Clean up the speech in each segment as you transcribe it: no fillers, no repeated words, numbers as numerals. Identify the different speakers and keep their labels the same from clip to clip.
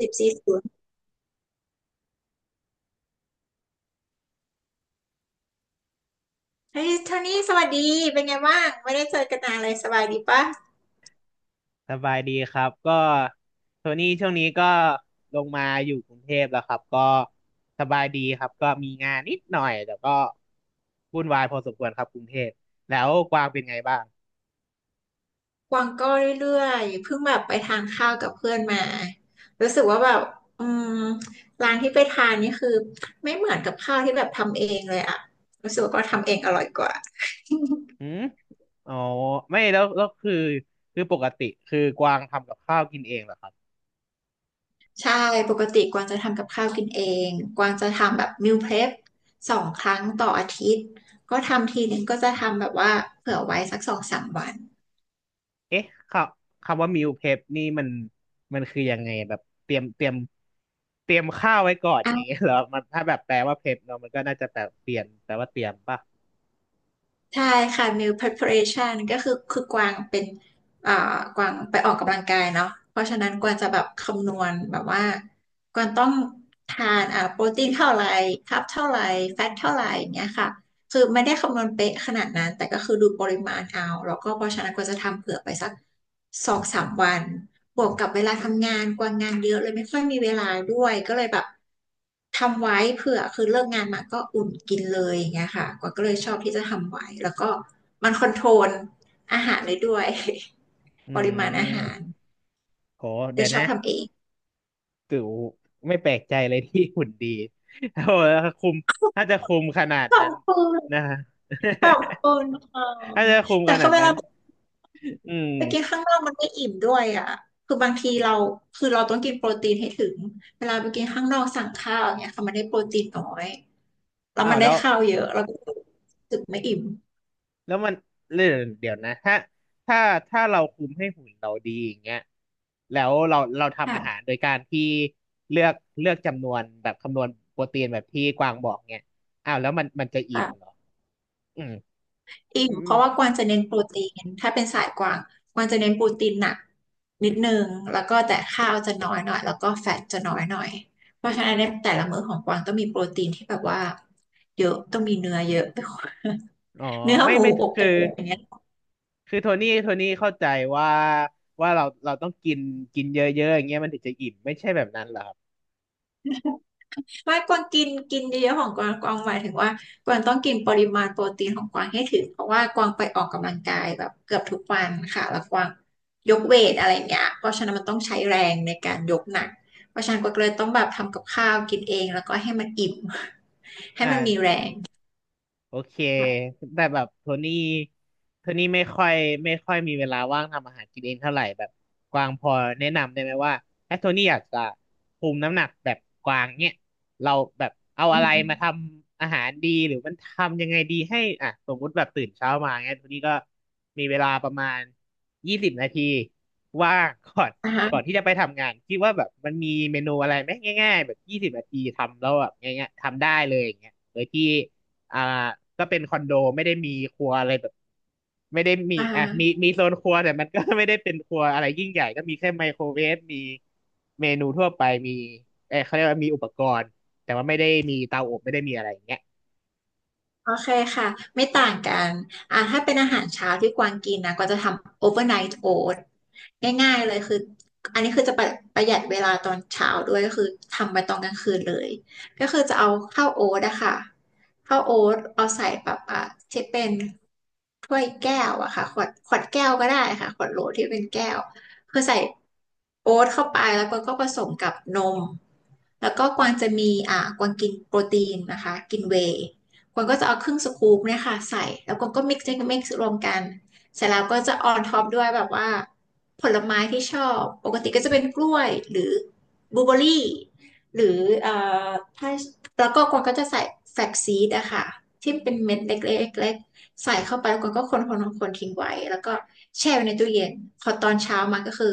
Speaker 1: สิบสี่ศูนย์เฮ้ยโทนี่สวัสดี เป็นไงบ้างไม่ได้เจอกันนานเลยสบายดีปะ
Speaker 2: สบายดีครับก็โทนี่ช่วงนี้ก็ลงมาอยู่กรุงเทพแล้วครับก็สบายดีครับก็มีงานนิดหน่อยแต่ก็วุ่นวายพอสมควรครับกรุงเทพแล้วกวางเป็นไงบ้าง
Speaker 1: กวางก็เรื่อยๆเพิ่งแบบไปทานข้าวกับเพื่อนมารู้สึกว่าแบบอืมร้านที่ไปทานนี่คือไม่เหมือนกับข้าวที่แบบทำเองเลยอะรู้สึกว่าก็ทำเองอร่อยกว่า
Speaker 2: หืมอ๋อไม่แล้วคือปกติคือกวางทำกับข้าวกินเองเหรอครับ
Speaker 1: ใช่ ปกติกวางจะทำกับข้าวกินเองกวางจะทำแบบมิลเพลฟ2 ครั้งต่ออาทิตย์ก็ทำทีนึงก็จะทำแบบว่าเผื่อไว้สักสองสามวัน
Speaker 2: เอ๊ะคคำว่ามิลเพปนี่มันคือยังไงแบบเตรียมเตรียมข้าวไว้ก่อนอย่างเงี้ยเหรอมันถ้าแบบแปลว่าเพปเนาะมันก็น่าจะแปลเปลี่ยนแปลว่าเตรียมป่ะ
Speaker 1: ใช่ค่ะ meal preparation ก็คือกวางเป็นอ่ากวางไปออกกำลังกายเนาะเพราะฉะนั้นกวางจะแบบคำนวณแบบว่ากวางต้องทานโปรตีนเท่าไหร่คาร์บเท่าไหร่แฟตเท่าไหร่อย่างเงี้ยค่ะ คือไม่ได้คำนวณเป๊ะขนาดนั้นแต่ก็คือดูปริมาณเอาแล้วก็เพราะฉะนั้นก็จะทำเผื่อไปสักสองสามวันบวกกับเวลาทำงานกว่างานเยอะเลยไม่ค่อยมีเวลาด้วยก็เลยแบบทำไว้เผื่อคือเลิกงานมาก็อุ่นกินเลยอย่างเงี้ยค่ะกวางก็เลยชอบที่จะทำไว้แล้วก็มันคอนโทรลอาหารเลยด้วย
Speaker 2: อื
Speaker 1: ปริมาณอาหาร
Speaker 2: ม โห
Speaker 1: เล
Speaker 2: เดี๋ย
Speaker 1: ย
Speaker 2: ว
Speaker 1: ชอ
Speaker 2: นะ
Speaker 1: บทำเอง
Speaker 2: ตู่ไม่แปลกใจเลยที่หุ่นดีโอ้โห้คุมถ้าจะคุมขนาด
Speaker 1: ขอ
Speaker 2: นั้
Speaker 1: บ
Speaker 2: น
Speaker 1: คุณ
Speaker 2: นะฮะ
Speaker 1: ขอบคุณค่ะ
Speaker 2: ถ้าจะคุม
Speaker 1: แต่
Speaker 2: ขนา
Speaker 1: คือ
Speaker 2: ด
Speaker 1: เว
Speaker 2: นั้
Speaker 1: ลา
Speaker 2: นอืม
Speaker 1: ไปกินข้างนอกมันไม่อิ่มด้วยอ่ะคือบางทีเราคือเราต้องกินโปรตีนให้ถึง เวลาไปกินข้างนอกสั่งข้าวอย่างเนี่ยค่ะมันได้โปรตีนน้อย แล้ว
Speaker 2: อ้า
Speaker 1: มั
Speaker 2: ว
Speaker 1: นได้
Speaker 2: แล้ว
Speaker 1: ข้าวเยอะเราก็รู้สึกไม่อิ่ม
Speaker 2: แล้วมันเรื่องเดี๋ยวนะถ้าถ้าเราคุมให้หุ่นเราดีอย่างเงี้ยแล้วเราทำอาหา
Speaker 1: ค่ะ
Speaker 2: รโดยการที่เลือกเลือกจำนวนแบบคำนวณโปรตีนแบบที่กวางบอกเงี้ยอ้าวแล้วมันจะอิ่มเหร
Speaker 1: ค่ะ
Speaker 2: ออืม
Speaker 1: อิ่
Speaker 2: อื
Speaker 1: ม
Speaker 2: ม
Speaker 1: เพราะว่ากวางจะเน้นโปรตีนถ้าเป็นสายกวางกวางจะเน้นโปรตีนหนักนิดนึงแล้วก็แต่ข้าวจะน้อยหน่อยแล้วก็แฟตจะน้อยหน่อยเพราะฉะนั้นในแต่ละมื้อของกวางต้องมีโปรตีนที่แบบว่าเยอะต้องมีเนื้อเยอะ
Speaker 2: อ๋อ
Speaker 1: เนื้อ
Speaker 2: ไม่
Speaker 1: หมู
Speaker 2: ไม่
Speaker 1: อก
Speaker 2: คือ
Speaker 1: ไก่อย่างเงี้ย
Speaker 2: คือโทนี่เข้าใจว่าว่าเราต้องกินกินเยอะๆอย่างเงี้ยมันถึงจะอิ่มไม่ใช่แบบนั้นเหรอครับ
Speaker 1: ไม่กวางกินกินเยอะๆของกวางกวางหมายถึงว่ากวางต้องกินปริมาณโปรตีนของกวางให้ถึงเพราะว่ากวางไปออกกำลังกายแบบเกือบทุกวันค่ะแล้วกวางยกเวทอะไรอย่างเงี้ยเพราะฉะนั้นมันต้องใช้แรงในการยกหนักเพราะฉะนั้นกวางเลยต้องแบบทำกับข้าวกินเองแล้วก็ให้มันอิ่ม
Speaker 2: อ
Speaker 1: ให้มันมีแร
Speaker 2: ่า
Speaker 1: ง
Speaker 2: โอเค
Speaker 1: ค่ะ
Speaker 2: แต่แบบโทนี่ไม่ค่อยมีเวลาว่างทำอาหารกินเองเท่าไหร่แบบกวางพอแนะนำได้ไหมว่าถ้าโทนี่อยากจะคุมน้ำหนักแบบกวางเนี่ยเราแบบเอา
Speaker 1: อื
Speaker 2: อะไรมาท
Speaker 1: ม
Speaker 2: ำอาหารดีหรือมันทำยังไงดีให้อ่ะสมมติแบบตื่นเช้ามาเนี่ยโทนี่ก็มีเวลาประมาณยี่สิบนาทีว่าง ก่อน
Speaker 1: นะ
Speaker 2: ก่อน
Speaker 1: คะ
Speaker 2: ที่จะไปทำงานคิดว่าแบบมันมีเมนูอะไรไหมง่ายๆแบบยี่สิบนาทีทำแล้วแบบง่ายๆทำได้เลยอย่างเงี้ยโดยที่ อ่าก็เป็นคอนโดไม่ได้มีครัวอะไรแบบไม่ได้มี
Speaker 1: อ่
Speaker 2: อ่ะมี
Speaker 1: า
Speaker 2: โซนครัวแต่มันก็ ไม่ได้เป็นครัวอะไรยิ่งใหญ่ก็มีแค่ไมโครเวฟมีเมนูทั่วไปมีเออเขาเรียกว่ามีอุปกรณ์แต่ว่าไม่ได้มีเตาอบไม่ได้มีอะไรอย่างเงี้ย
Speaker 1: โอเคค่ะไม่ต่างกันถ้าเป็นอาหารเช้าที่กวางกินนะก็จะทำ overnight oat ง่ายๆเลยคืออันนี้คือจะประหยัดเวลาตอนเช้าด้วยก็คือทำไปตอนกลางคืนเลยก็คือจะเอาข้าวโอ๊ตอะค่ะข้าวโอ๊ตเอาใส่แบบอ่ะที่เป็นถ้วยแก้วอะค่ะขวดแก้วก็ได้ค่ะขวดโหลที่เป็นแก้วคือใส่โอ๊ตเข้าไปแล้วก็ผสมกับนมแล้วก็กวางจะมีกวางกินโปรตีนนะคะกินเวย์ คนก็จะเอาครึ่งสกู๊ปเนี่ยค่ะใส่แล้วคนก็มิกซ์รวมกันเสร็จแล้วก็จะออนท็อปด้วยแบบว่าผลไม้ที่ชอบปกติก็จะเป็นกล้วยหรือบลูเบอรรี่หรือเอ่อถ้าแล้วก็คนก็จะใส่แฟลกซีดอะค่ะที่เป็นเม็ดเล็กๆใส่เข้าไปแล้วคนก็คนๆนคนคนทิ้งไว้แล้วก็แช่ไว้ในตู้เย็นพอตอนเช้ามาก็คือ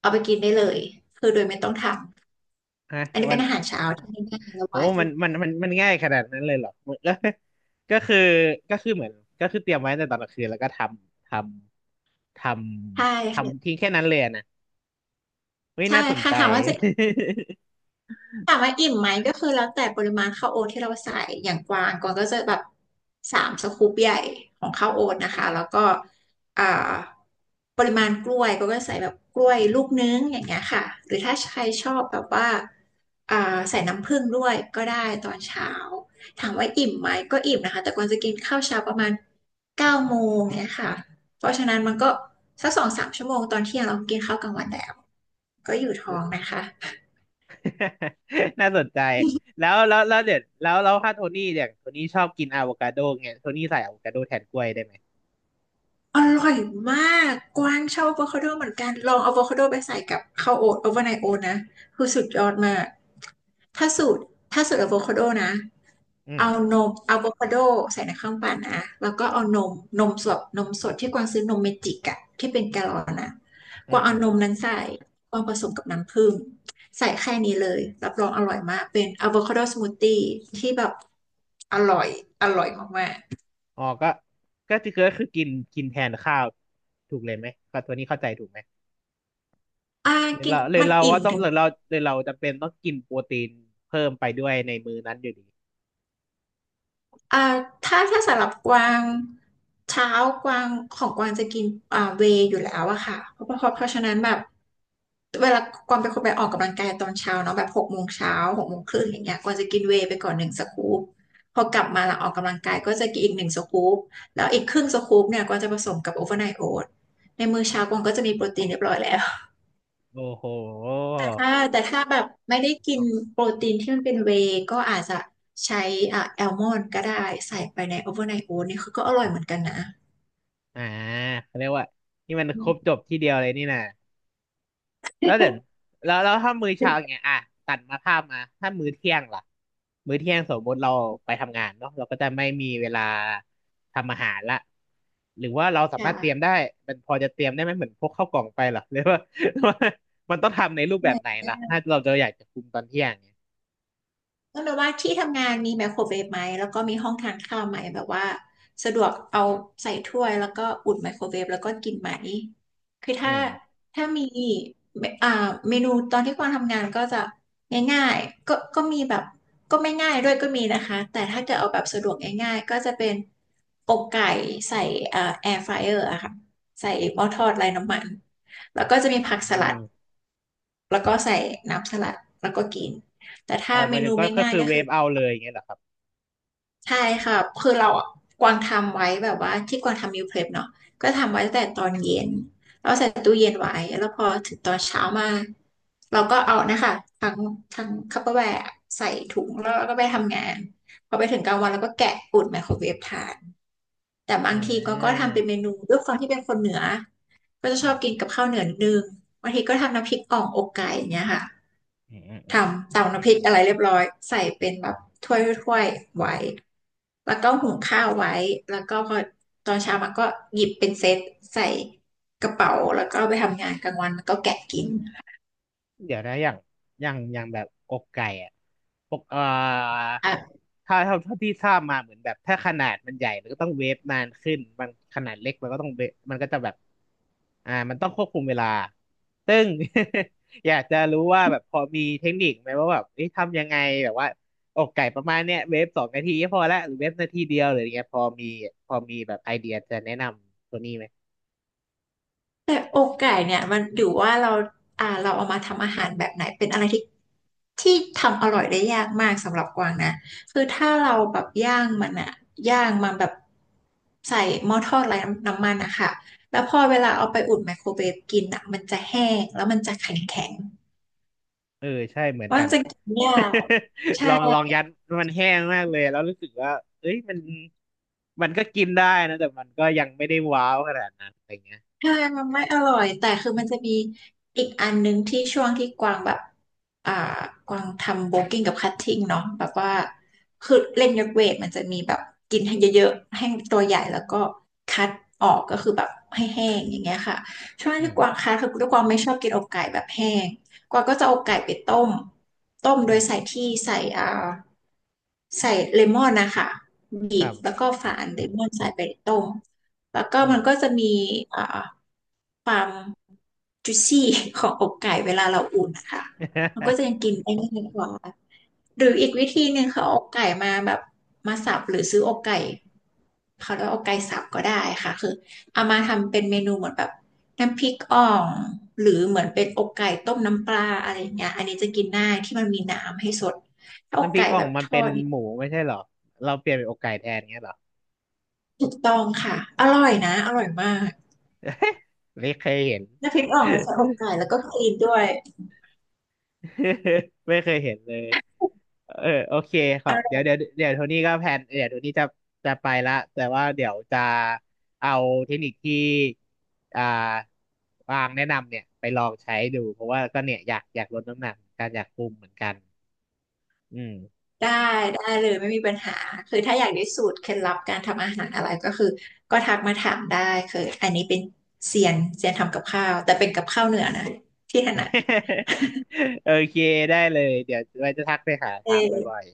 Speaker 1: เอาไปกินได้เลยคือโดยไม่ต้องท
Speaker 2: ฮะ
Speaker 1: ำอันนี้
Speaker 2: มั
Speaker 1: เป็น
Speaker 2: น
Speaker 1: อาหารเช้าที่ง่ายๆและ
Speaker 2: โห
Speaker 1: ไว
Speaker 2: มันง่ายขนาดนั้นเลยเหรอแล้ว ก็คือเหมือนก็คือเตรียมไว้ตั้งแต่ตอนกลางคืนแล้วก็ำทำท
Speaker 1: ใช่
Speaker 2: ทำ
Speaker 1: ค่ะ
Speaker 2: ทิ้งแค่นั้นเลยอะนะเฮ้ย
Speaker 1: ใช่
Speaker 2: น่าสน
Speaker 1: ค่ะ
Speaker 2: ใจ
Speaker 1: ถามว่าจะ ถามว่าอิ่มไหมก็คือแล้วแต่ปริมาณข้าวโอ๊ตที่เราใส่อย่างกวางกวางก็จะแบบ3 สกู๊ปใหญ่ของข้าวโอ๊ตนะคะแล้วก็อ่าปริมาณกล้วยก็ใส่แบบกล้วยลูกนึงอย่างเงี้ยค่ะหรือถ้าใครชอบแบบว่าอ่าใส่น้ำผึ้งด้วยก็ได้ตอนเช้าถามว่าอิ่มไหมก็อิ่มนะคะแต่กวางจะกินข้าวเช้าประมาณ9 โมงเนี้ยค่ะเพราะฉะนั้นมันก็สักสองสามชั่วโมงตอนเที่ยงเรากินข้าวกลางวันแล้วก็อยู่ท้อง นะคะ
Speaker 2: น่าสนใจแล้วแล้วแล้วเดี๋ยวแล้วแล้วถ้าโทนี่เนี่ยโทนี่ชอบกินอะโวคาโดเงี้ยโทนี่ใส่อะโวคาโดแทนกล้วยได้ไหม
Speaker 1: อร่อยมาก กวางชอบอะโวคาโดเหมือนกัน ลองอะโวคาโดไปใส่กับข้าวโอ๊ตโอเวอร์ไนท์โอ๊ตนะคือสุดยอดมากถ้าสูตรถ้าสูตรอะโวคาโดนะ
Speaker 2: อืม
Speaker 1: เอานมอะโวคาโดใส่ในเครื่องปั่นนะ แล้วก็เอานมนมสดที่กวางซื้อนมเมจิกอะที่เป็นแกลลอนนะ
Speaker 2: อื
Speaker 1: ก
Speaker 2: ม
Speaker 1: วางเอา
Speaker 2: อืม
Speaker 1: นมนั้นใส่กวางผสมกับน้ำผึ้งใส่แค่นี้เลย รับรองอร่อยมากเป็นอะโวคาโดสมูทตี้ที่แบบอร่อยอร่อยมาก
Speaker 2: อ๋อก็ก็คือกินกินแทนข้าวถูกเลยไหมก็โทนี่เข้าใจถูกไหม
Speaker 1: ๆ
Speaker 2: หรือ
Speaker 1: กิน
Speaker 2: เราหรือ
Speaker 1: มัน
Speaker 2: เรา
Speaker 1: อิ่
Speaker 2: ว่า
Speaker 1: ม
Speaker 2: ต้อง
Speaker 1: ถึง
Speaker 2: หรือเราจำเป็นต้องกินโปรตีนเพิ่มไปด้วยในมื้อนั้นอยู่ดี
Speaker 1: อ่าถ้าสำหรับกวางเช้ากวางของกวางจะกินเวย์อยู่แล้วอะค่ะเพราะฉะนั้นแบบเวลากวางเป็นคนไปออกกำลังกายตอนเช้าเนาะแบบ6 โมงเช้า6 โมงครึ่งอย่างเงี้ยกวางจะกินเวย์ไปก่อนหนึ่งสกู๊ปพอกลับมาหลังออกกำลังกายก็จะกินอีกหนึ่งสกู๊ปแล้วอีกครึ่งสกู๊ปเนี่ยกวางจะผสมกับโอเวอร์ไนท์โอ๊ในมื้อเช้ากวางก็จะมีโปรตีนเรียบร้อยแล้ว
Speaker 2: โอ้โห
Speaker 1: ค่ะแต่ถ้าแบบไม่ได้กินโปรตีนที่มันเป็นเวย์ก็อาจจะใช้อ่ะแอลมอนด์ก็ได้ใส่ไปในโอเวอร์ไนท์โอ๊ตเนี่ยคือก็อร่อยเหมือนกันนะ
Speaker 2: อ่าเขาเรียกว่านี่มัน
Speaker 1: อื
Speaker 2: ครบจ
Speaker 1: ม
Speaker 2: บที่เดียวเลยนี่นะ แล้วเดี๋ยวแล้วแล้วถ้ามื้อเช้าอย่างเงี้ยอ่ะตัดมาภาพมาถ้ามื้อเที่ยงล่ะมื้อเที่ยงสมมติเราไปทำงานเนาะเราก็จะไม่มีเวลาทำอาหารละหรือว่าเราสามารถเตรียม
Speaker 1: ค่
Speaker 2: ได้มันพอจะเตรียมได้ไหมเหมือนพกข้าวกล่องไปเหรอ หรือว่า มันต้องทำในรูปแบบไหนล่ะ
Speaker 1: ะ
Speaker 2: ถ้าเราจะอยากจะคุมตอนเที่ยงเนี่ย
Speaker 1: ก็แบบว่าที่ทำงานมีไมโครเวฟไหมแล้วก็มีห้องทานข้าวไหมแบบว่าสะดวกเอาใส่ถ้วยแล้วก็อุ่นไมโครเวฟแล้วก็กินไหมคือ
Speaker 2: อื
Speaker 1: ถ้า
Speaker 2: ม
Speaker 1: ถ้ามีอ่าเมนูตอนที่กวางทำงานก็จะง่ายๆก็มีแบบก็ไม่ง่ายด้วยก็มีนะคะแต่ถ้าเกิดเอาแบบสะดวกง่ายๆก็จะเป็นอกไก่ใส่แอร์ฟรายเออร์อะค่ะใส่หม้อทอดไร้น้ำมันแล้วก็จะมีผักส
Speaker 2: อื
Speaker 1: ลัด
Speaker 2: ม
Speaker 1: แล้วก็ใส่น้ำสลัดแล้วก็กินแต่
Speaker 2: อ๋
Speaker 1: ถ้า
Speaker 2: อห
Speaker 1: เม
Speaker 2: มายถึ
Speaker 1: นู
Speaker 2: งก็
Speaker 1: ไม่
Speaker 2: ก็
Speaker 1: ง่าย
Speaker 2: คือ
Speaker 1: ก็
Speaker 2: เว
Speaker 1: คือ
Speaker 2: ฟเอาเลยอย่างเงี้ยเหรอครับ
Speaker 1: ใช่ค่ะคือเราอะกวางทำไว้แบบว่าที่กวางทำมิลเพลปเนาะก็ทำไว้ตั้งแต่ตอนเย็นแล้วใส่ตู้เย็นไว้ แล้วพอถึงตอนเช้ามาเราก็เอานะคะทั้งทั้งคัพเปอร์แวร์ใส่ถุงแล้วเราก็ไปทำงาน พอไปถึงกลางวันเราก็แกะอุ่นไมโครเวฟทาน แต่บาง
Speaker 2: อ่
Speaker 1: ทีก็
Speaker 2: า
Speaker 1: ทำเป็นเมนูด้วยความที่เป็นคนเหนือก็จะ
Speaker 2: อื
Speaker 1: ชอ
Speaker 2: ม
Speaker 1: บกินกับข้าวเหนือนิดนึงบางทีก็ทำน้ำพริกอ่องอกไก่อย่างเงี้ยค่ะ
Speaker 2: อืมอืมอื
Speaker 1: ท
Speaker 2: ม
Speaker 1: ำตำน้ำพริกอะไรเรียบร้อยใส่เป็นแบบถ้วยถ้วยไว้แล้วก็หุงข้าวไว้แล้วก็พอตอนเช้ามันก็หยิบเป็นเซตใส่กระเป๋าแล้วก็ไปทำงานกลางวันมันก็แกะกิน
Speaker 2: เดี๋ยวนะอย่างแบบอกไก่อ่ะปก
Speaker 1: ค่ะ
Speaker 2: ถ้าเท่าที่ทราบมาเหมือนแบบถ้าขนาดมันใหญ่มันก็ต้องเวฟนานขึ้นบางขนาดเล็กมันก็ต้องเวฟมันก็จะแบบอ่ามันต้องควบคุมเวลาซึ่ง อยากจะรู้ว่าแบบพอมีเทคนิคไหมว่าแบบเอ๊ะทำยังไงแบบว่าอกไก่ประมาณเนี้ยเวฟ2 นาทีก็พอละหรือเวฟนาทีเดียวหรืออย่างเงี้ยพอมีแบบไอเดียจะแนะนำตัวนี้ไหม
Speaker 1: แต่อกไก่เนี่ยมันอยู่ว่าเราเราเอามาทำอาหารแบบไหนเป็นอะไรที่ ที่ทำอร่อยได้ยากมากสำหรับกวางนะคือถ้าเราแบบย่างมันแบบใส่หม้อทอดไร้น้ำมันอะค่ะแล้วพอเวลาเอาไปอุ่นไมโครเวฟกินอะมันจะแห้งแล้วมันจะแข็งแข็ง
Speaker 2: เออใช่เหมือน
Speaker 1: ว่า
Speaker 2: กั
Speaker 1: ง
Speaker 2: น
Speaker 1: จะกินยากใช่
Speaker 2: ลองยัดมันแห้งมากเลยแล้วรู้สึกว่าเอ้ยมันก็กินได้นะแต่มันก็ยังไม่ได้ว้าวขนาดนั้นอะไรเงี้ย
Speaker 1: ใช่มันไม่อร่อยแต่คือมันจะมีอีกอันนึงที่ช่วงที่กวางแบบอ่ากวางทำโบกิ้งกับคัตติ้งเนาะแบบว่าคือเล่นยกเวทมันจะมีแบบกินให้เยอะๆให้ตัวใหญ่แล้วก็คัดออกก็คือแบบให้แห้งอย่างเงี้ยค่ะช่วง
Speaker 2: อื
Speaker 1: ที่
Speaker 2: ม
Speaker 1: กวางคัดคือด้วยความไม่ชอบกินอกไก่แบบแห้งกวางก็จะเอาไก่ไปต้มต้ม
Speaker 2: อื
Speaker 1: โดย
Speaker 2: ม
Speaker 1: ใส่ที่ใส่อ่าใส่เลมอนนะคะบี
Speaker 2: ครั
Speaker 1: บแล้ว
Speaker 2: บ
Speaker 1: ก็ฝานเลมอนใส่ไปต้มแล้วก็
Speaker 2: อืม
Speaker 1: มันก็จะมีอ่า ความจุซี่ของอกไก่เวลาเราอุ่นนะคะมันก็จะ ยังกินได้ง่ายกว่าหรืออีกวิธีหนึ่งคือเอาอกไก่มาแบบมาสับหรือซื้ออกไก่เขาเรียกว่าอกไก่สับก็ได้ค่ะคือเอามาทำเป็นเมนูเหมือนแบบน้ำพริกอ่องหรือเหมือนเป็นอกไก่ต้มน้ำปลาอะไรอย่างเงี้ยอันนี้จะกินง่ายที่มันมีน้ำให้สดถ้าอก
Speaker 2: น้ำพริ
Speaker 1: ไก่
Speaker 2: กอ่อ
Speaker 1: แบ
Speaker 2: ง
Speaker 1: บ
Speaker 2: มั
Speaker 1: ท
Speaker 2: น
Speaker 1: อ
Speaker 2: เป็น
Speaker 1: ดนี่
Speaker 2: หมูไม่ใช่เหรอเราเปลี่ยนเป็นอกไก่แทนเงี้ยเหรอ
Speaker 1: ถูกต้องค่ะอร่อยนะอร่อยมาก
Speaker 2: ไม่เคยเห็น
Speaker 1: น้ำพริกอ่องแล้วใช้อกไก่แล้วก็คลีนด้วย
Speaker 2: ไม่เคยเห็นเลย เออโอเคค่ะเดี๋ยวโทนี่ก็แพลนเดี๋ยวโทนี่จะจะไปละแต่ว่าเดี๋ยวจะเอาเทคนิคที่อ่าวางแนะนำเนี่ยไปลองใช้ดูเพราะว่าก็เนี่ยอยากลดน้ำหนักเหมือนกันอยากคุมเหมือนกันอืม
Speaker 1: ได้ได้เลยไม่มีปัญหาคือถ้าอยากได้สูตรเคล็ดลับการทำอาหารอะไรก็คือก็ทักมาถามได้คืออันนี้เป็นเซียนเซียนทำกับข้าวแต่เป็นกับข้าวเหนือนะที่ถนัด
Speaker 2: โอเคได้เลยเดี๋ยวไว้จะทักไปหา
Speaker 1: เอ
Speaker 2: ถามบ่อ
Speaker 1: อ
Speaker 2: ย